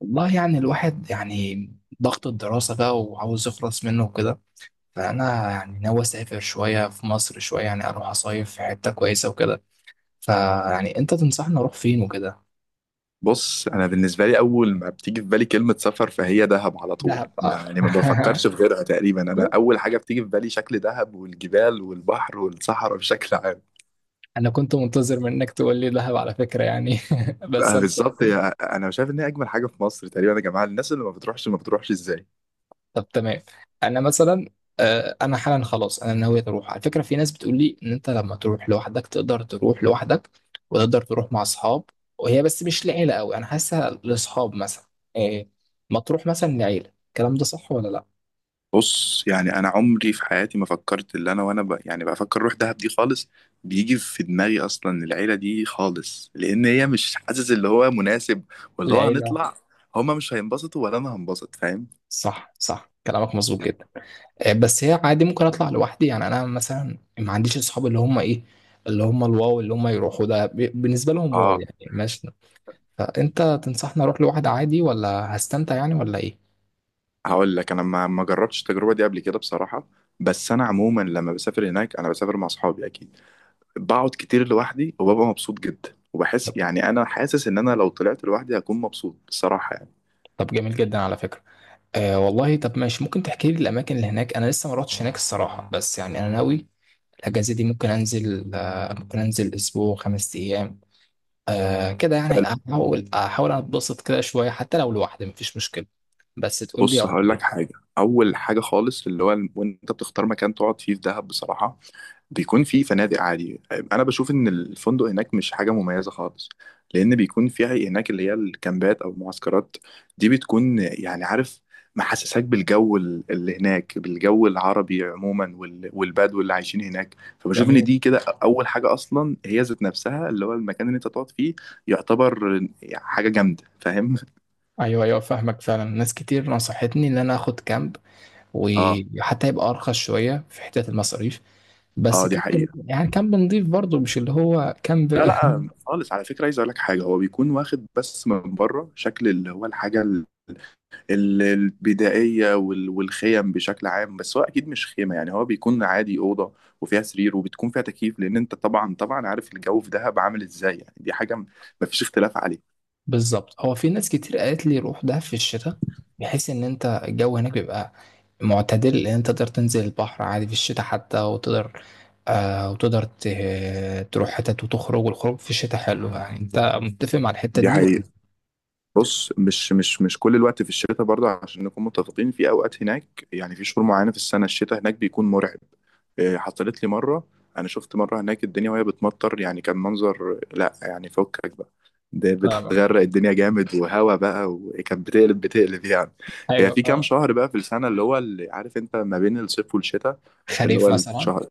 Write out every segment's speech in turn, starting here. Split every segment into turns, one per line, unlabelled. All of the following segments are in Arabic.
والله يعني الواحد يعني ضغط الدراسة بقى وعاوز يخلص منه وكده، فأنا يعني ناوي أسافر شوية في مصر، شوية يعني أروح أصيف في حتة كويسة وكده. فيعني أنت تنصحني أروح فين وكده؟
بص، انا بالنسبه لي اول ما بتيجي في بالي كلمه سفر فهي دهب على طول.
دهب
ما
آه.
يعني ما بفكرش في غيرها تقريبا. انا اول حاجه بتيجي في بالي شكل دهب والجبال والبحر والصحراء بشكل عام.
أنا كنت منتظر منك تقول لي دهب على فكرة يعني بس أنا
بالظبط انا شايف ان هي اجمل حاجه في مصر تقريبا يا جماعه. الناس اللي ما بتروحش ما بتروحش ازاي؟
طب تمام، انا مثلا. آه، انا حالا خلاص انا ناوي اروح على فكره. في ناس بتقول لي ان انت لما تروح لوحدك تقدر تروح لوحدك، وتقدر تروح مع اصحاب. وهي بس مش لعيله قوي، انا حاسسها لاصحاب مثلا. إيه، ما تروح مثلا لعيله، الكلام ده صح ولا لا؟
بص يعني انا عمري في حياتي ما فكرت اللي انا وانا يعني بفكر اروح دهب دي خالص. بيجي في دماغي اصلا العيله دي خالص، لان هي مش حاسس اللي هو مناسب واللي هو
العيله.
هنطلع. هما مش هينبسطوا ولا انا هنبسط، فاهم؟
صح صح كلامك مظبوط جدا. إيه، بس هي عادي ممكن اطلع لوحدي يعني، انا مثلا ما عنديش اصحاب اللي هم ايه، اللي هم الواو، اللي هم يروحوا ده بالنسبه لهم واو
اه،
يعني ماشي. فانت تنصحني اروح لوحدي عادي ولا هستمتع يعني ولا ايه؟
هقول لك. انا ما جربتش التجربه دي قبل كده بصراحه، بس انا عموما لما بسافر هناك انا بسافر مع اصحابي اكيد. بقعد كتير لوحدي وببقى مبسوط جدا
طب
وبحس يعني انا حاسس ان انا لو طلعت لوحدي هكون مبسوط بصراحه يعني.
طب جميل جدا على فكرة. آه والله طب ماشي، ممكن تحكي لي الأماكن اللي هناك؟ أنا لسه ما رحتش هناك الصراحة، بس يعني أنا ناوي. الأجازة دي ممكن أنزل أسبوع، 5 أيام. آه كده يعني أحاول أتبسط كده شوية حتى لو لوحدي مفيش مشكلة، بس تقول لي
بص،
أروح
هقول لك
فين.
حاجه. اول حاجه خالص اللي هو وانت بتختار مكان تقعد فيه في دهب بصراحه، بيكون في فنادق عادي. انا بشوف ان الفندق هناك مش حاجه مميزه خالص، لان بيكون فيها هناك اللي هي الكامبات او المعسكرات. دي بتكون يعني، عارف، محسساك بالجو اللي هناك، بالجو العربي عموما والبدو اللي عايشين هناك، فبشوف ان
جميل.
دي كده اول حاجه اصلا. هي ذات نفسها اللي هو المكان اللي انت تقعد فيه، يعتبر حاجه جامده، فاهم؟
أيوه أيوه فاهمك فعلا، ناس كتير نصحتني إن أنا آخد كامب،
اه.
وحتى يبقى أرخص شوية في حتة المصاريف. بس
اه، دي
كامب
حقيقه.
يعني كامب نضيف برضه، مش اللي هو كامب.
لا لا خالص، على فكره عايز اقول لك حاجه. هو بيكون واخد بس من بره شكل اللي هو الحاجه البدائية والخيم بشكل عام، بس هو أكيد مش خيمة. يعني هو بيكون عادي أوضة، وفيها سرير، وبتكون فيها تكييف، لأن أنت طبعا طبعا عارف الجو في دهب عامل إزاي. يعني دي حاجة مفيش اختلاف عليه.
بالظبط، هو في ناس كتير قالت لي روح دهب في الشتاء، بحيث ان انت الجو هناك بيبقى معتدل، ان انت تقدر تنزل البحر عادي في الشتاء حتى، وتقدر تروح حتت وتخرج، والخروج في الشتاء حلو يعني. انت متفق مع الحتة
دي
دي ولا؟
حقيقة. بص، مش كل الوقت في الشتاء برضه، عشان نكون متفقين. في اوقات هناك، يعني في شهور معينه في السنه، الشتاء هناك بيكون مرعب. إيه، حصلت لي مره. انا شفت مره هناك الدنيا وهي بتمطر، يعني كان منظر لا يعني فكك بقى. ده
فاهمة؟
بتغرق الدنيا جامد وهوا بقى، وكانت بتقلب بتقلب يعني. هي
ايوه
في كام
فاهم.
شهر بقى في السنه اللي هو اللي عارف انت ما بين الصيف والشتاء. اللي هو
خريف مثلا.
الشهر.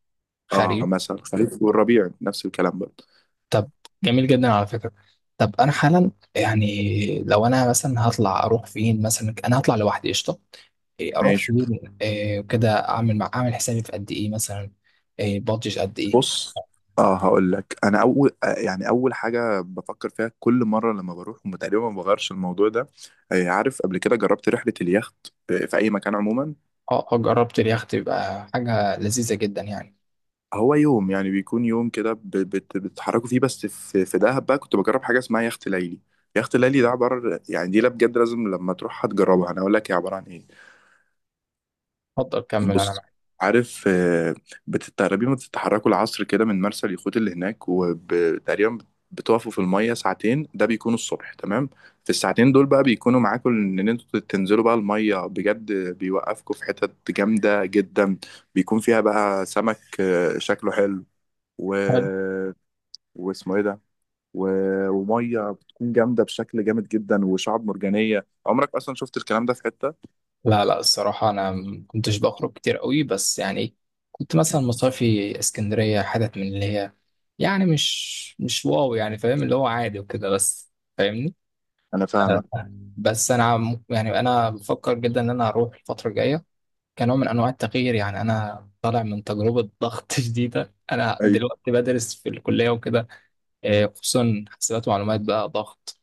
اه
خريف.
مثلا الخريف والربيع نفس الكلام برضه.
طب جميل جدا على فكرة. طب انا حالا يعني لو انا مثلا هطلع اروح فين مثلا، انا هطلع لوحدي قشطة. إيه، اروح
ماشي.
فين؟ إيه، وكده اعمل حسابي في قد ايه مثلا؟ إيه، بادجت قد ايه؟
بص، اه، هقول لك. انا اول يعني اول حاجه بفكر فيها كل مره لما بروح، وما تقريبا ما بغيرش الموضوع ده. عارف، قبل كده جربت رحله اليخت، في اي مكان عموما.
اه آه، جربت اليخت يبقى حاجة لذيذة جدا يعني.
هو يوم، يعني بيكون يوم كده بتتحركوا فيه. بس في في دهب بقى كنت بجرب حاجه اسمها يخت ليلي. يخت ليلي ده عباره، يعني دي لا بجد لازم لما تروحها تجربها. انا اقول لك هي عباره عن ايه.
اتفضل كمل انا
بص،
معاك.
عارف، بتتقربي ما بتتحركوا العصر كده من مرسى اليخوت اللي هناك، وتقريبا بتقفوا في المية ساعتين. ده بيكونوا الصبح تمام. في الساعتين دول بقى بيكونوا معاكم ان انتوا تنزلوا بقى المية بجد. بيوقفكم في حتت جامدة جدا، بيكون فيها بقى سمك شكله حلو، و...
حلو.
واسمه ايه ده، و... ومية بتكون جامدة بشكل جامد جدا، وشعب مرجانية عمرك اصلا شفت الكلام ده في حتة.
لا لا الصراحة انا ما كنتش بخرج كتير قوي، بس يعني كنت مثلا مصيفي اسكندرية حتت من اللي هي، يعني مش واو يعني فاهم، اللي هو عادي وكده بس فاهمني.
انا فاهمك.
بس انا يعني انا بفكر جدا ان انا اروح الفتره الجايه، كنوع من انواع التغيير. يعني انا طالع من تجربه ضغط شديده. انا دلوقتي بدرس في الكليه وكده، خصوصا حسابات ومعلومات بقى ضغط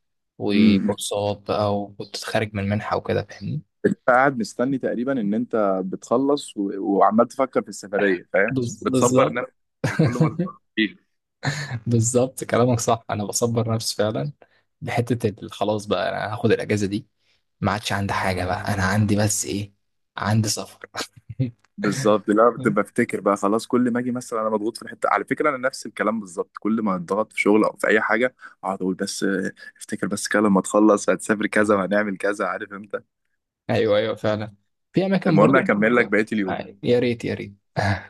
أيوة،
وكورسات بقى، وكنت خارج من منحه وكده فاهمني.
انت قاعد مستني تقريبا ان انت بتخلص، وعمال تفكر في السفريه، فاهم، بتصبر
بالظبط.
نفسك كل ما تفكر فيه.
بالظبط كلامك صح، انا بصبر نفسي فعلا بحته خلاص بقى، انا هاخد الاجازه دي. ما عادش عندي حاجه بقى، انا عندي بس ايه؟ عندي سفر.
بالظبط. لا، بتبقى بفتكر بقى خلاص. كل ما اجي مثلا انا مضغوط في الحته، على فكره انا نفس الكلام بالظبط، كل ما اتضغط في شغل او في اي حاجه اقعد اقول بس افتكر بس كده لما تخلص هتسافر كذا وهنعمل كذا، عارف انت.
ايوه ايوه فعلا. في اماكن
المهم،
برضو.
هكمل لك بقيه اليوم.
آه، يا ريت يا ريت.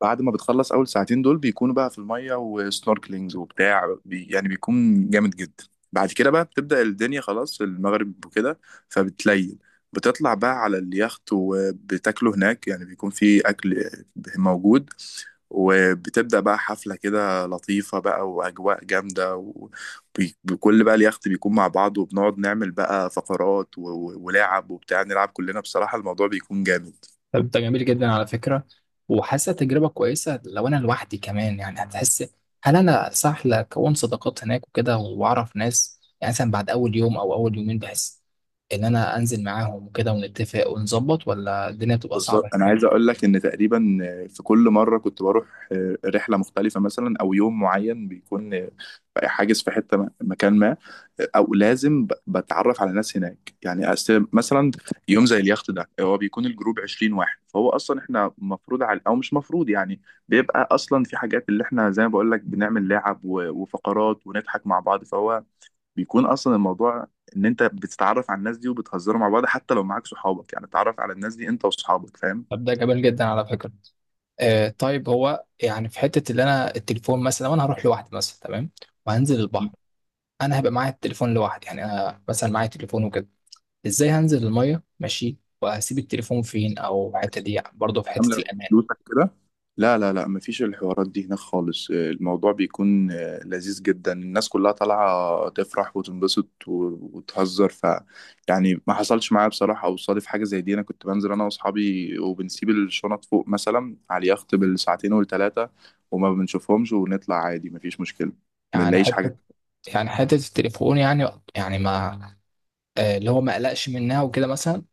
بعد ما بتخلص اول ساعتين دول بيكونوا بقى في الميه وسنوركلينجز وبتاع بي، يعني بيكون جامد جدا. بعد كده بقى بتبدأ الدنيا خلاص المغرب وكده، فبتليل بتطلع بقى على اليخت وبتاكلوا هناك، يعني بيكون في اكل موجود. وبتبدأ بقى حفلة كده لطيفة بقى وأجواء جامدة، وكل بقى اليخت بيكون مع بعض، وبنقعد نعمل بقى فقرات ولعب وبتاع، نلعب كلنا بصراحة. الموضوع بيكون جامد.
طب ده جميل جدا على فكره، وحاسه تجربه كويسه. لو انا لوحدي كمان يعني هتحس؟ هل انا صح لكون صداقات هناك وكده واعرف ناس يعني، مثلا بعد اول يوم او اول يومين بحس ان انا انزل معاهم وكده ونتفق ونظبط، ولا الدنيا بتبقى صعبه
بالظبط، انا عايز
شوية؟
اقول لك ان تقريبا في كل مره كنت بروح رحله مختلفه، مثلا او يوم معين بيكون حاجز في حته مكان ما، او لازم بتعرف على ناس هناك. يعني مثلا يوم زي اليخت ده، هو بيكون الجروب 20 واحد، فهو اصلا احنا مفروض على او مش مفروض، يعني بيبقى اصلا في حاجات اللي احنا زي ما بقول لك بنعمل لعب وفقرات ونضحك مع بعض، فهو بيكون اصلا الموضوع ان انت بتتعرف على الناس دي وبتهزروا مع بعض. حتى لو معاك صحابك، يعني تتعرف على الناس دي انت واصحابك، فاهم.
طب ده جميل جدا على فكره. آه طيب هو يعني في حته اللي انا التليفون مثلا، لو انا هروح لوحدي مثلا تمام، وهنزل البحر، انا هبقى معايا التليفون لوحدي يعني. انا مثلا معايا تليفون وكده، ازاي هنزل الميه ماشي؟ وهسيب التليفون فين؟ او الحته دي برضه في حته
عامله
الامان؟
فلوسك كده. لا لا لا، مفيش الحوارات دي هناك خالص. الموضوع بيكون لذيذ جدا. الناس كلها طالعة تفرح وتنبسط وتهزر، ف يعني ما حصلش معايا بصراحة أو صادف حاجة زي دي. أنا كنت بنزل أنا وأصحابي وبنسيب الشنط فوق مثلا على اليخت بالساعتين والتلاتة، وما بنشوفهمش ونطلع عادي، مفيش مشكلة. ما
يعني
بنلاقيش حاجة.
حته، يعني حته التليفون يعني ما اللي هو ما قلقش منها وكده مثلا.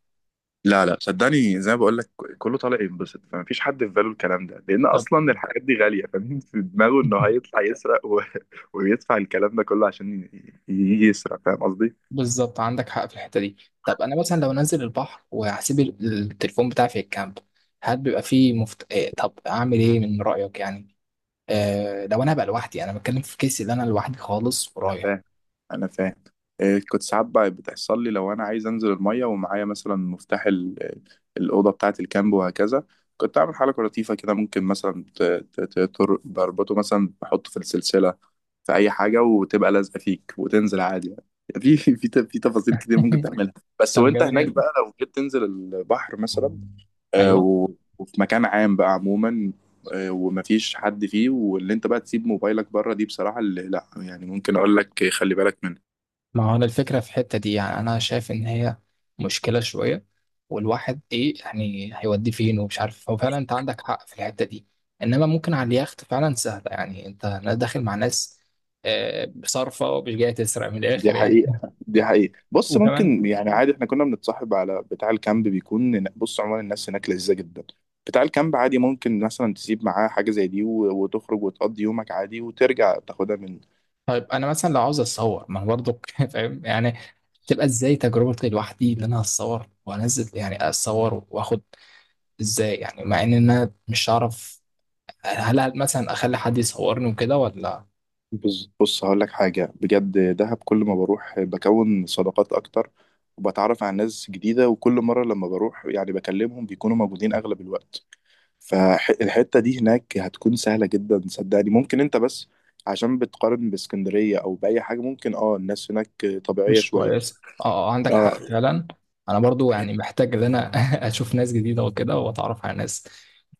لا لا، صدقني، زي ما بقول لك، كله طالع ينبسط. فما فيش حد في باله الكلام ده، لان
طب.
اصلا الحاجات دي غاليه. فمين في دماغه انه هيطلع يسرق و... ويدفع الكلام ده كله عشان يسرق، فاهم قصدي.
بالظبط عندك حق في الحته دي. طب انا مثلا لو نزل البحر وهسيب التليفون بتاعي في الكامب، هل بيبقى فيه مفت... آه، طب اعمل ايه من رايك يعني؟ لو انا هبقى لوحدي انا بتكلم في كيسي اللي انا لوحدي خالص
انا
ورايح.
فاهم، انا فاهم. إيه، كنت ساعات بقى بتحصل لي لو انا عايز انزل الميه ومعايا مثلا مفتاح الاوضه بتاعه الكامب وهكذا. كنت اعمل حركه لطيفه كده. ممكن مثلا بربطه مثلا، بحطه في السلسله، في اي حاجه، وتبقى لازقه فيك وتنزل عادي يعني. في في في تفاصيل كتير ممكن تعملها، بس.
طب
وانت هناك
جميل.
بقى لو جيت تنزل البحر مثلا، آه،
ايوه
و- وفي مكان عام بقى عموما، ومفيش حد فيه، واللي انت بقى تسيب موبايلك بره، دي بصراحة اللي لا، يعني ممكن اقول لك خلي بالك منها.
ما هو انا الفكره في الحته دي يعني، انا شايف ان هي مشكله شويه، والواحد ايه؟ يعني هيوديه فين ومش عارف. هو فعلا انت عندك حق في الحته دي، انما ممكن على اليخت فعلا سهله يعني، انت داخل مع ناس صارفه ومش جايه تسرق من
دي
الاخر يعني.
حقيقة دي حقيقة. بص،
وكمان.
ممكن يعني عادي. احنا كنا بنتصاحب على بتاع الكامب، بيكون بص عموما الناس هناك لذيذة جدا. بتاع الكامب عادي ممكن مثلا تسيب معاه حاجة زي دي، وتخرج وتقضي يومك عادي وترجع تاخدها من.
طيب انا مثلا لو عاوز اتصور، ما انا برضو فاهم يعني، تبقى ازاي تجربتي لوحدي ان انا اتصور وانزل يعني؟ اتصور واخد ازاي يعني؟ مع ان انا مش هعرف. هل مثلا اخلي حد يصورني وكده ولا
بص بص، هقول لك حاجة بجد. دهب كل ما بروح بكون صداقات أكتر، وبتعرف على ناس جديدة، وكل مرة لما بروح يعني بكلمهم بيكونوا موجودين أغلب الوقت. فالحتة دي هناك هتكون سهلة جدا، صدقني. ممكن أنت بس عشان بتقارن باسكندرية أو بأي حاجة، ممكن أه، الناس هناك طبيعية
مش
شوية.
كويس؟ اه آه، عندك
أه.
حق فعلا. انا برضو يعني محتاج ان انا اشوف ناس جديده وكده واتعرف على ناس،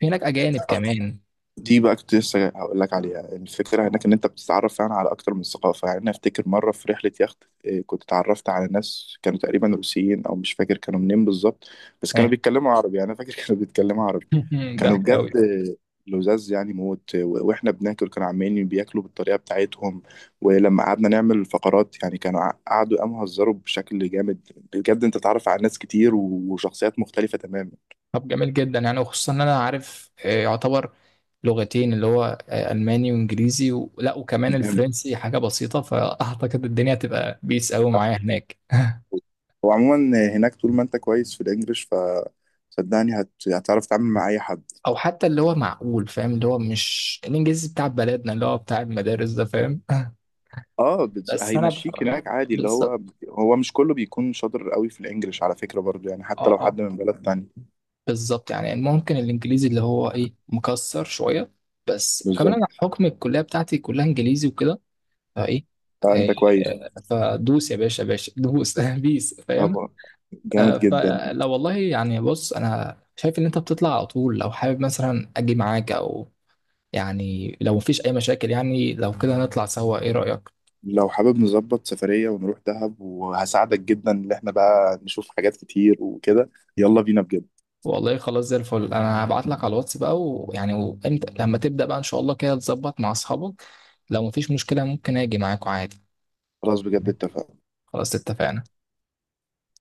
في هناك اجانب كمان.
دي بقى كنت لسه هقول لك عليها. الفكرة هناك إن أنت بتتعرف فعلا على أكتر من ثقافة. يعني أنا أفتكر مرة في رحلة يخت، إيه، كنت اتعرفت على ناس كانوا تقريبا روسيين، أو مش فاكر كانوا منين بالظبط، بس كانوا
إيه.
بيتكلموا عربي. يعني أنا فاكر كانوا بيتكلموا عربي. كانوا
ضحك قوي.
بجد لزاز يعني موت. وإحنا بناكل كانوا عمالين بياكلوا بالطريقة بتاعتهم. ولما قعدنا نعمل فقرات يعني كانوا قعدوا قاموا هزروا بشكل جامد بجد. أنت تتعرف على ناس كتير وشخصيات مختلفة تماما.
طب جميل جدا يعني، وخصوصا ان انا عارف يعتبر لغتين اللي هو الماني وانجليزي و... لا وكمان
جامد.
الفرنسي حاجه بسيطه. فاعتقد الدنيا هتبقى بيس قوي معايا هناك.
هو عموما هناك طول ما انت كويس في الانجليش، ف صدقني هتعرف تتعامل مع اي حد.
او حتى اللي هو معقول فاهم، اللي هو مش الانجليزي بتاع بلدنا اللي هو بتاع المدارس ده فاهم.
اه،
بس انا
هيمشيك هناك عادي اللي هو.
بالظبط.
هو مش كله بيكون شاطر قوي في الانجليش على فكرة برضو، يعني حتى
اه
لو حد
اه
من بلد تانية.
بالظبط، يعني ممكن الانجليزي اللي هو ايه مكسر شويه، بس وكمان
بالظبط،
انا حكم الكليه بتاعتي كلها انجليزي وكده فايه. آه،
فانت كويس.
آه، فدوس يا باشا باشا دوس. بيس فاهم.
طبعا.
آه،
جامد جدا.
فلو والله يعني بص، انا شايف ان انت بتطلع على طول، لو حابب مثلا اجي معاك او يعني لو مفيش اي مشاكل يعني، لو كده نطلع سوا، ايه رايك؟
لو حابب نظبط سفرية ونروح دهب، وهساعدك جدا ان احنا بقى نشوف حاجات كتير وكده. يلا بينا بجد.
والله خلاص زي الفل، انا هبعت لك على الواتس بقى ويعني وامتى لما تبدا بقى ان شاء الله كده تظبط مع اصحابك. لو مفيش مشكله ممكن اجي معاكوا عادي.
خلاص بجد، اتفقنا.
خلاص اتفقنا.